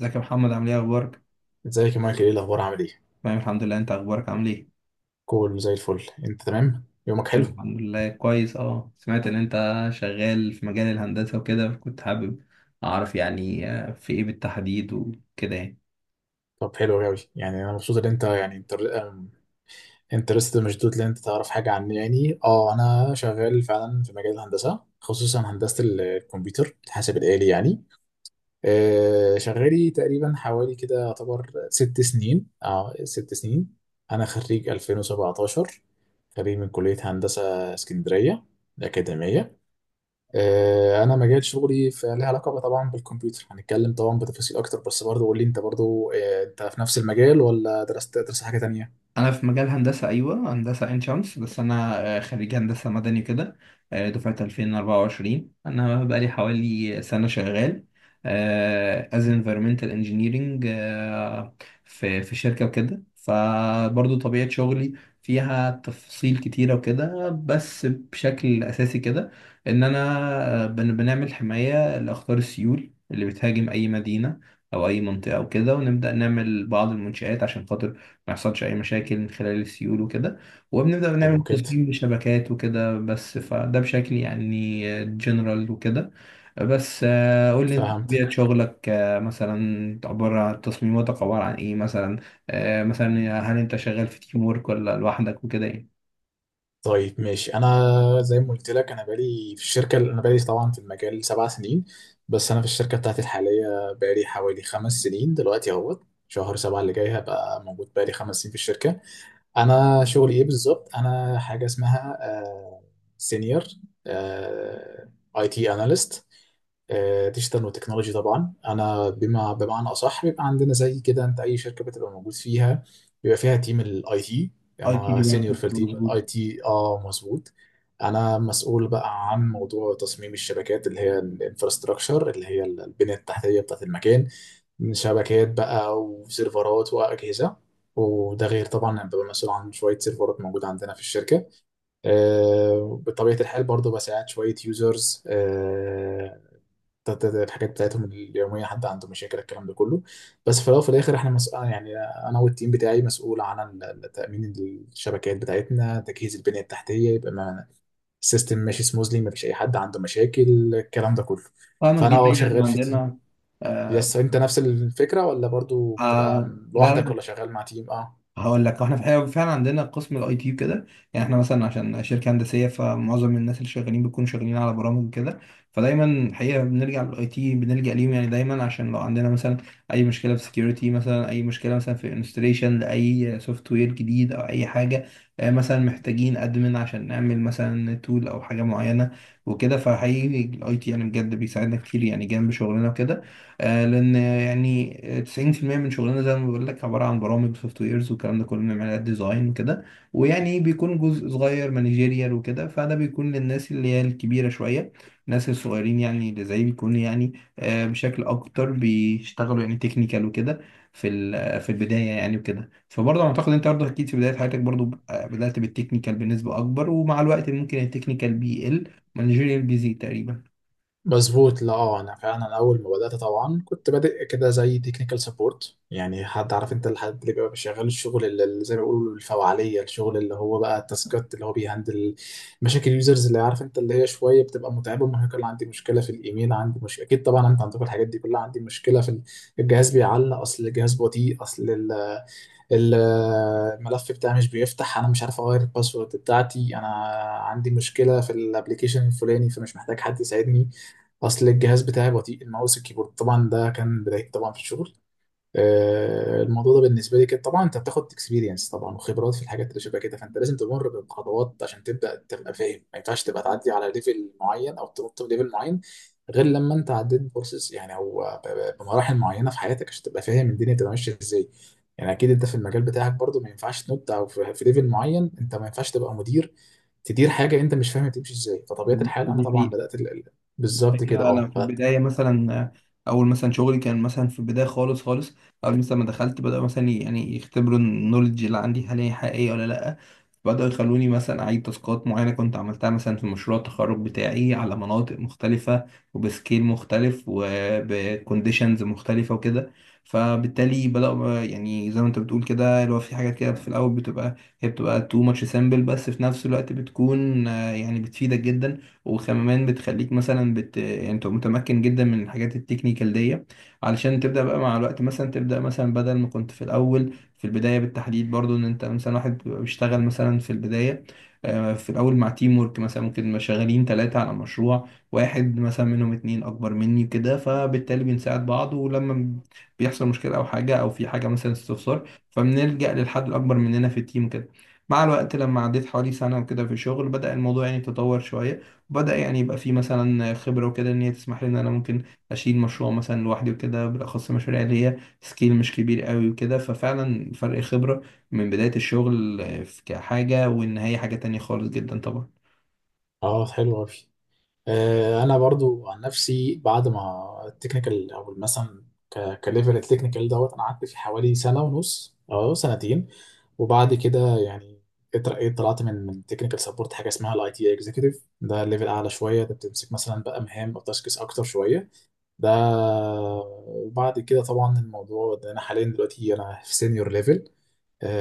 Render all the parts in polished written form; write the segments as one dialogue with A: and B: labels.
A: ازيك يا محمد، عامل ايه اخبارك؟
B: ازيك يا مايكل؟ ايه الاخبار عامل ايه؟
A: تمام الحمد لله، انت اخبارك عامل ايه؟
B: كول زي الفل. انت تمام؟ يومك
A: تمام
B: حلو؟
A: الحمد لله كويس. اه سمعت ان انت شغال في مجال الهندسة وكده، كنت حابب اعرف يعني في ايه بالتحديد وكده يعني.
B: طب حلو قوي، يعني انا مبسوط ان انت انترست مشدود ان انت تعرف حاجه عني. يعني انا شغال فعلا في مجال الهندسه، خصوصا هندسه الكمبيوتر، الحاسب الالي يعني. شغالي تقريبا حوالي كده يعتبر 6 سنين، 6 سنين. انا خريج 2017، خريج من كليه هندسه اسكندريه الاكاديميه. انا مجال شغلي فليها علاقه بقى طبعا بالكمبيوتر. هنتكلم طبعا بتفاصيل اكتر، بس برضه قول لي انت برضه، انت في نفس المجال ولا درست حاجه تانية؟
A: انا في مجال هندسه، ايوه هندسه عين شمس، بس انا خريج هندسه مدني كده. دفعه 2024 انا بقالي حوالي سنه شغال as environmental engineering. في شركه وكده، فبرضو طبيعه شغلي فيها تفاصيل كتيره وكده، بس بشكل اساسي كده ان انا بنعمل حمايه لاخطار السيول اللي بتهاجم اي مدينه او اي منطقه وكده، ونبدا نعمل بعض المنشآت عشان خاطر ما يحصلش اي مشاكل من خلال السيول وكده، وبنبدا
B: حلو
A: نعمل
B: كده.
A: تصميم لشبكات وكده، بس فده بشكل يعني جنرال وكده. بس قول لي انت
B: فهمت.
A: طبيعه شغلك مثلا عباره عن تصميماتك عباره عن ايه مثلا؟ مثلا هل انت شغال في تيم وورك ولا لوحدك وكده يعني؟
B: طيب ماشي. انا زي ما قلت لك، انا بقالي في الشركه، انا بقالي طبعا في المجال 7 سنين، بس انا في الشركه بتاعتي الحاليه بقالي حوالي 5 سنين دلوقتي. اهوت شهر 7 اللي جاي هبقى موجود بقالي 5 سنين في الشركه. انا شغلي ايه بالظبط؟ انا حاجه اسمها سينيور اي تي اناليست، ديجيتال وتكنولوجي. طبعا انا بما بمعنى اصح، بيبقى عندنا زي كده، انت اي شركه بتبقى موجود فيها بيبقى فيها تيم الاي تي.
A: اي تي
B: انا سينيور
A: ديبارتمنت،
B: في التيم
A: مظبوط.
B: الاي تي، مظبوط. انا مسؤول بقى عن موضوع تصميم الشبكات اللي هي الانفراستراكشر، اللي هي البنيه التحتيه بتاعت المكان، من شبكات بقى وسيرفرات واجهزه. وده غير طبعا أنا ببقى مسؤول عن شويه سيرفرات موجوده عندنا في الشركه. بطبيعه الحال برضو بساعد شويه يوزرز الحاجات بتاعتهم اليوميه، حد عنده مشاكل، الكلام ده كله. بس في الاول وفي الاخر احنا مس... آه يعني انا والتيم بتاعي مسؤول عن تامين الشبكات بتاعتنا، تجهيز البنيه التحتيه، يبقى ما السيستم ماشي سموزلي، ما فيش اي حد عنده مشاكل، الكلام ده كله.
A: فاهمك،
B: فانا
A: دي حقيقة احنا
B: شغال في تيم.
A: عندنا. آه،
B: يس انت نفس الفكره ولا برضو بتبقى
A: آه، لا،
B: لوحدك
A: لا،
B: ولا شغال مع تيم؟ اه
A: هقول لك احنا الحقيقة فعلا عندنا قسم الاي تي كده. يعني احنا مثلا عشان شركه هندسيه، فمعظم الناس اللي شغالين بيكونوا شغالين على برامج كده. فدايما الحقيقه بنرجع للاي تي، بنلجا ليهم يعني دايما، عشان لو عندنا مثلا اي مشكله في سكيورتي، مثلا اي مشكله مثلا في انستليشن لاي سوفت وير جديد، او اي حاجه مثلا محتاجين ادمن عشان نعمل مثلا تول او حاجه معينه وكده، فحقيقي الاي تي يعني بجد بيساعدنا كتير يعني جنب شغلنا وكده. لان يعني 90% من شغلنا زي ما بقول لك عباره عن برامج سوفت ويرز والكلام ده كله، بنعمل ديزاين وكده، ويعني بيكون جزء صغير مانجيريال وكده. فده بيكون للناس اللي هي الكبيره شويه، الناس الصغيرين يعني اللي زي بيكون يعني بشكل اكتر بيشتغلوا يعني تكنيكال وكده، في البدايه يعني وكده. فبرضه اعتقد انت برضه اكيد في بدايه حياتك برضه بدات بالتكنيكال بنسبه اكبر، ومع الوقت ممكن التكنيكال بيقل، مانجيريال بيزيد تقريبا.
B: مظبوط. لا انا فعلا اول ما بدات طبعا كنت بادئ كده زي تكنيكال سبورت. يعني حد عارف انت الحد اللي بيبقى شغال الشغل اللي زي ما بيقولوا الفوعليه، الشغل اللي هو بقى التاسكات اللي هو بيهندل مشاكل اليوزرز، اللي عارف انت اللي هي شويه بتبقى متعبه ومرهقه. اللي عندي مشكله في الايميل، عندي مش اكيد طبعا انت عندك الحاجات دي كلها، عندي مشكله في الجهاز بيعلق، اصل الجهاز بطيء، اصل ال- الملف بتاعي مش بيفتح، انا مش عارف اغير الباسورد بتاعتي، انا عندي مشكله في الابليكيشن الفلاني، فمش محتاج حد يساعدني، اصل الجهاز بتاعي بطيء، الماوس، الكيبورد. طبعا ده كان بداية طبعا في الشغل. الموضوع ده بالنسبه لي كده، طبعا انت بتاخد اكسبيرينس طبعا وخبرات في الحاجات اللي شبه كده، فانت لازم تمر بخطوات عشان تبدا تبقى فاهم. ما ينفعش تبقى تعدي على ليفل معين او تنط في ليفل معين غير لما انت عديت بورسز يعني او بمراحل معينه في حياتك عشان تبقى فاهم الدنيا بتبقى ماشيه ازاي. يعني اكيد انت في المجال بتاعك برضو ما ينفعش تنط او في ليفل معين انت ما ينفعش تبقى مدير تدير حاجه انت مش فاهم تمشي ازاي. فطبيعه
A: بالظبط،
B: الحال انا
A: دي
B: طبعا
A: حقيقة.
B: بدات بالظبط كده،
A: الحقيقة أنا في
B: بدأت.
A: البداية مثلا أول مثلا شغلي كان مثلا في البداية خالص خالص، أول مثلا ما دخلت بدأوا مثلا يعني يختبروا النولج اللي عندي هل هي حقيقية ولا لأ. بدأوا يخلوني مثلا أعيد تاسكات معينة كنت عملتها مثلا في مشروع التخرج بتاعي على مناطق مختلفة وبسكيل مختلف وبكونديشنز مختلفة وكده. فبالتالي بدأوا يعني زي ما أنت بتقول كده اللي هو في حاجات كده في الأول بتبقى، هي بتبقى too much simple، بس في نفس الوقت بتكون يعني بتفيدك جدا. وكمان بتخليك مثلا يعني انت متمكن جدا من الحاجات التكنيكال دي، علشان تبدأ بقى مع الوقت مثلا تبدأ مثلا بدل ما كنت في الأول في البداية بالتحديد برضو ان انت مثلا واحد بيبقى بيشتغل مثلا في البداية في الأول مع تيم ورك. مثلا ممكن نبقى شغالين ثلاثة على مشروع واحد مثلا منهم اتنين أكبر مني كده، فبالتالي بنساعد بعض. ولما بيحصل مشكلة أو حاجة أو في حاجة مثلا استفسار، فبنلجأ للحد الأكبر مننا في التيم كده. مع الوقت لما عديت حوالي سنة وكده في الشغل بدأ الموضوع يعني يتطور شوية. بدأ يعني يبقى في مثلا خبرة وكده، إن هي تسمح لي إن أنا ممكن أشيل مشروع مثلا لوحدي وكده، بالأخص المشاريع اللي هي سكيل مش كبير قوي وكده. ففعلا فرق خبرة من بداية الشغل كحاجة والنهاية حاجة تانية خالص جدا طبعا.
B: اه حلو قوي. انا برضو عن نفسي بعد ما التكنيكال او مثلا كليفل التكنيكال دوت انا قعدت فيه حوالي سنة ونص او سنتين، وبعد كده يعني اترقيت، طلعت من تكنيكال سبورت حاجه اسمها الاي تي اكزيكتيف. ده ليفل اعلى شويه، ده بتمسك مثلا بقى مهام او تاسكس اكتر شويه ده. وبعد كده طبعا الموضوع ده انا حاليا دلوقتي انا في سينيور ليفل.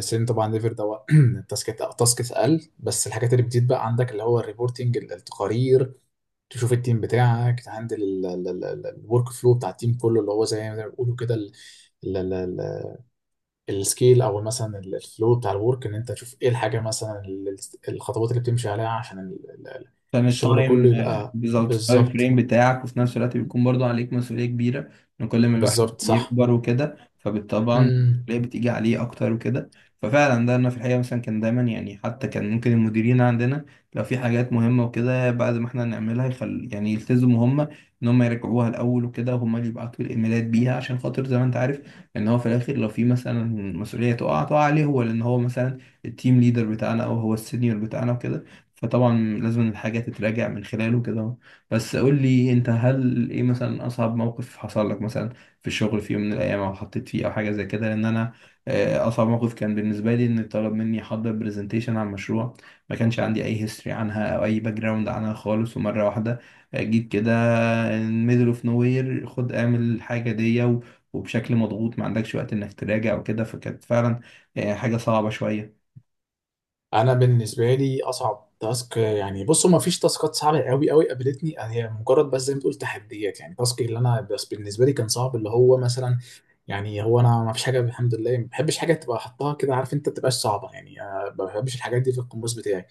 B: سين طبعا ليفل ده التاسكات، تاسكس اقل، بس الحاجات اللي بتزيد بقى عندك اللي هو الريبورتنج، التقارير، تشوف التيم بتاعك، تهندل الورك فلو بتاع التيم كله اللي هو زي ما بيقولوا كده ال- ال- ال- السكيل او مثلا الفلو بتاع الورك، ان انت تشوف ايه الحاجه، مثلا الخطوات اللي بتمشي عليها عشان
A: عشان
B: الشغل كله
A: التايم
B: يبقى
A: بالظبط التايم
B: بالظبط.
A: فريم بتاعك، وفي نفس الوقت بيكون برضو عليك مسؤولية كبيرة. ان كل ما الواحد
B: بالظبط صح.
A: بيكبر وكده، فبالطبع
B: امم
A: المسؤولية بتيجي عليه اكتر وكده. ففعلا ده انا في الحقيقة مثلا كان دايما يعني، حتى كان ممكن المديرين عندنا لو في حاجات مهمة وكده بعد ما احنا نعملها يخل يعني يلتزموا هم ان هم يرجعوها الاول وكده، وهم اللي يبعتوا الايميلات بيها، عشان خاطر زي ما انت عارف ان هو في الاخر لو في مثلا مسؤولية تقع عليه هو، لان هو مثلا التيم ليدر بتاعنا او هو السينيور بتاعنا وكده. فطبعا لازم الحاجة تتراجع من خلاله كده. بس قول لي انت، هل ايه مثلا اصعب موقف حصل لك مثلا في الشغل في يوم من الايام، او حطيت فيه او حاجة زي كده؟ لان انا اصعب موقف كان بالنسبة لي ان طلب مني احضر برزنتيشن عن مشروع ما كانش عندي اي هيستوري عنها او اي باك جراوند عنها خالص، ومرة واحدة جيت كده ميدل اوف نو وير، خد اعمل الحاجة دي وبشكل مضغوط، ما عندكش وقت انك تراجع وكده. فكانت فعلا حاجة صعبة شوية.
B: انا بالنسبه لي اصعب تاسك، يعني بصوا ما فيش تاسكات صعبه قوي قوي قابلتني، هي مجرد بس زي ما تقول تحديات. يعني تاسك اللي انا بس بالنسبه لي كان صعب اللي هو مثلا، يعني هو انا ما فيش حاجه، الحمد لله ما بحبش حاجه تبقى حطها كده عارف انت ما تبقاش صعبه. يعني أنا ما بحبش الحاجات دي في القماش بتاعي.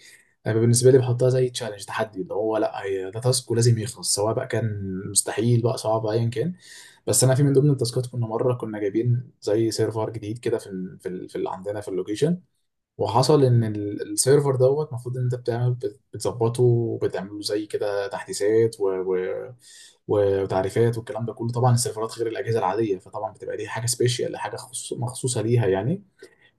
B: انا بالنسبه لي بحطها زي تشالنج، تحدي، اللي هو لا هي ده تاسك ولازم يخلص سواء بقى كان مستحيل بقى صعب ايا كان. بس انا في من ضمن التاسكات كنا مره كنا جايبين زي سيرفر جديد كده في اللي عندنا في اللوكيشن. وحصل ان السيرفر دوت المفروض ان انت بتعمل، بتظبطه، وبتعمله زي كده تحديثات وتعريفات والكلام ده كله. طبعا السيرفرات غير الاجهزه العاديه، فطبعا بتبقى دي حاجه سبيشال، حاجه مخصوصه ليها يعني.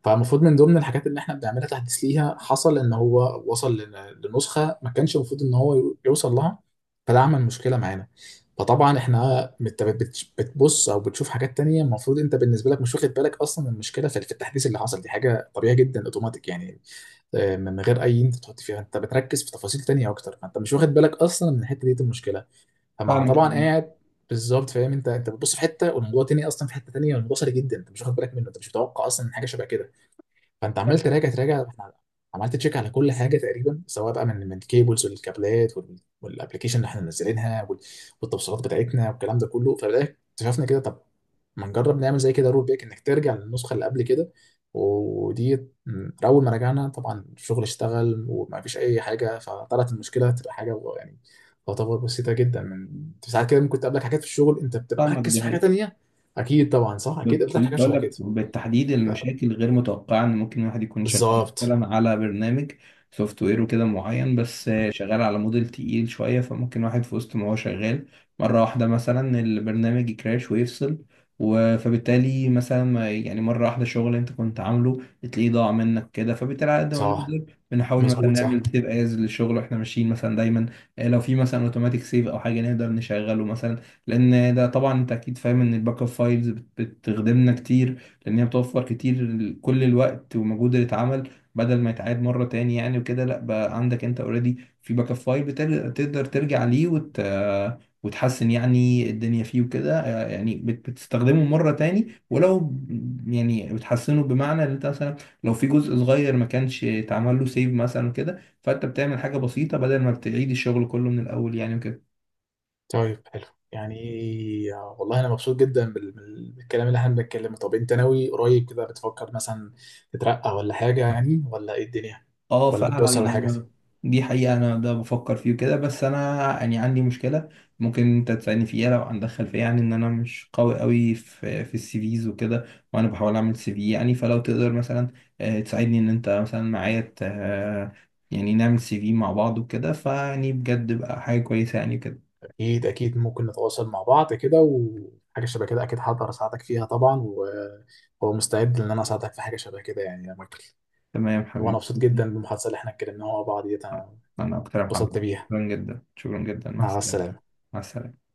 B: فالمفروض من ضمن الحاجات اللي احنا بنعملها تحديث ليها، حصل ان هو وصل لنسخه ما كانش المفروض ان هو يوصل لها، فده عمل مشكله معانا. فطبعا احنا بتبص او بتشوف حاجات تانية، المفروض انت بالنسبه لك مش واخد بالك اصلا من المشكله في التحديث اللي حصل دي، حاجه طبيعيه جدا اوتوماتيك يعني، من غير اي انت تحط فيها. انت بتركز في تفاصيل تانية اكتر، فانت مش واخد بالك اصلا من الحته دي، المشكله. فمع
A: فاهمك.
B: طبعا قاعد بالظبط. فاهم انت، انت بتبص في حته والموضوع تاني اصلا في حته تانية، والموضوع سريع جدا، انت مش واخد بالك منه، انت مش متوقع اصلا من حاجه شبه كده. فانت عمال
A: فاهمك.
B: تراجع. احنا عملت تشيك على كل حاجه تقريبا، سواء بقى من الكيبلز والكابلات والابلكيشن اللي احنا منزلينها والتوصيلات بتاعتنا والكلام ده كله. فبدأ اكتشفنا كده، طب ما نجرب نعمل زي كده رول باك، انك ترجع للنسخه اللي قبل كده. ودي اول ما رجعنا طبعا الشغل اشتغل وما فيش اي حاجه. فطلعت المشكله تبقى حاجه يعني تعتبر بسيطه جدا. من ساعات كده ممكن تقابلك حاجات في الشغل انت بتبقى
A: فاهمك،
B: مركز
A: دي
B: في حاجه
A: حقيقة.
B: تانيه. اكيد طبعا، صح، اكيد
A: كنت
B: قابلتك حاجات
A: بقول
B: شبه
A: لك
B: كده.
A: بالتحديد المشاكل غير متوقعة، ان ممكن الواحد يكون شغال
B: بالظبط
A: مثلا على برنامج سوفت وير وكده معين، بس شغال على موديل تقيل شوية، فممكن واحد في وسط ما هو شغال مرة واحدة مثلا البرنامج يكراش ويفصل فبالتالي مثلا يعني مرة واحدة شغل انت كنت عامله تلاقيه ضاع منك كده. فبالتالي على قد ما
B: صح.
A: بنقدر، بنحاول مثلا
B: مظبوط صح.
A: نعمل سيف از للشغل واحنا ماشيين مثلا دايما. لو في مثلا اوتوماتيك سيف او حاجة نقدر نشغله مثلا، لان ده طبعا انت اكيد فاهم ان الباك اب فايلز بتخدمنا كتير، لان هي بتوفر كتير كل الوقت ومجهود اللي اتعمل بدل ما يتعاد مره تاني يعني وكده. لا بقى عندك انت اوريدي في باك اب فايل، بتقدر ترجع ليه وتحسن يعني الدنيا فيه وكده. آه، يعني بت- بتستخدمه مره تاني، ولو يعني بتحسنه بمعنى ان انت مثلا لو في جزء صغير ما كانش اتعمل له سيف مثلا كده، فانت بتعمل حاجه بسيطه بدل ما بتعيد الشغل كله من الاول يعني وكده.
B: طيب حلو. يعني والله انا مبسوط جدا بالكلام اللي احنا بنتكلمه. طب انت ناوي قريب كده بتفكر مثلا تترقى ولا حاجه، يعني ولا ايه الدنيا؟
A: اه
B: ولا
A: فعلا
B: بتبص على حاجه؟
A: دي حقيقة انا ده بفكر فيه كده، بس انا يعني عندي مشكلة ممكن انت تساعدني فيها لو عندك خلفية، يعني ان انا مش قوي قوي في السي فيز وكده، وانا بحاول اعمل سي في يعني. فلو تقدر مثلا تساعدني ان انت مثلا معايا يعني نعمل سي في مع بعض وكده، فيعني بجد بقى حاجة كويسة يعني كده.
B: اكيد اكيد ممكن نتواصل مع بعض كده وحاجه شبه كده. اكيد هقدر اساعدك فيها طبعا، ومستعد ان انا اساعدك في حاجه شبه كده يعني يا مايكل.
A: تمام
B: وانا
A: حبيبي.
B: مبسوط جدا بالمحادثه اللي احنا اتكلمناها مع بعض ديت. انا
A: انا اكتر يا
B: اتبسطت
A: محمد،
B: بيها.
A: شكرا جدا شكرا جدا، مع
B: مع
A: السلامة.
B: السلامه.
A: مع السلامة.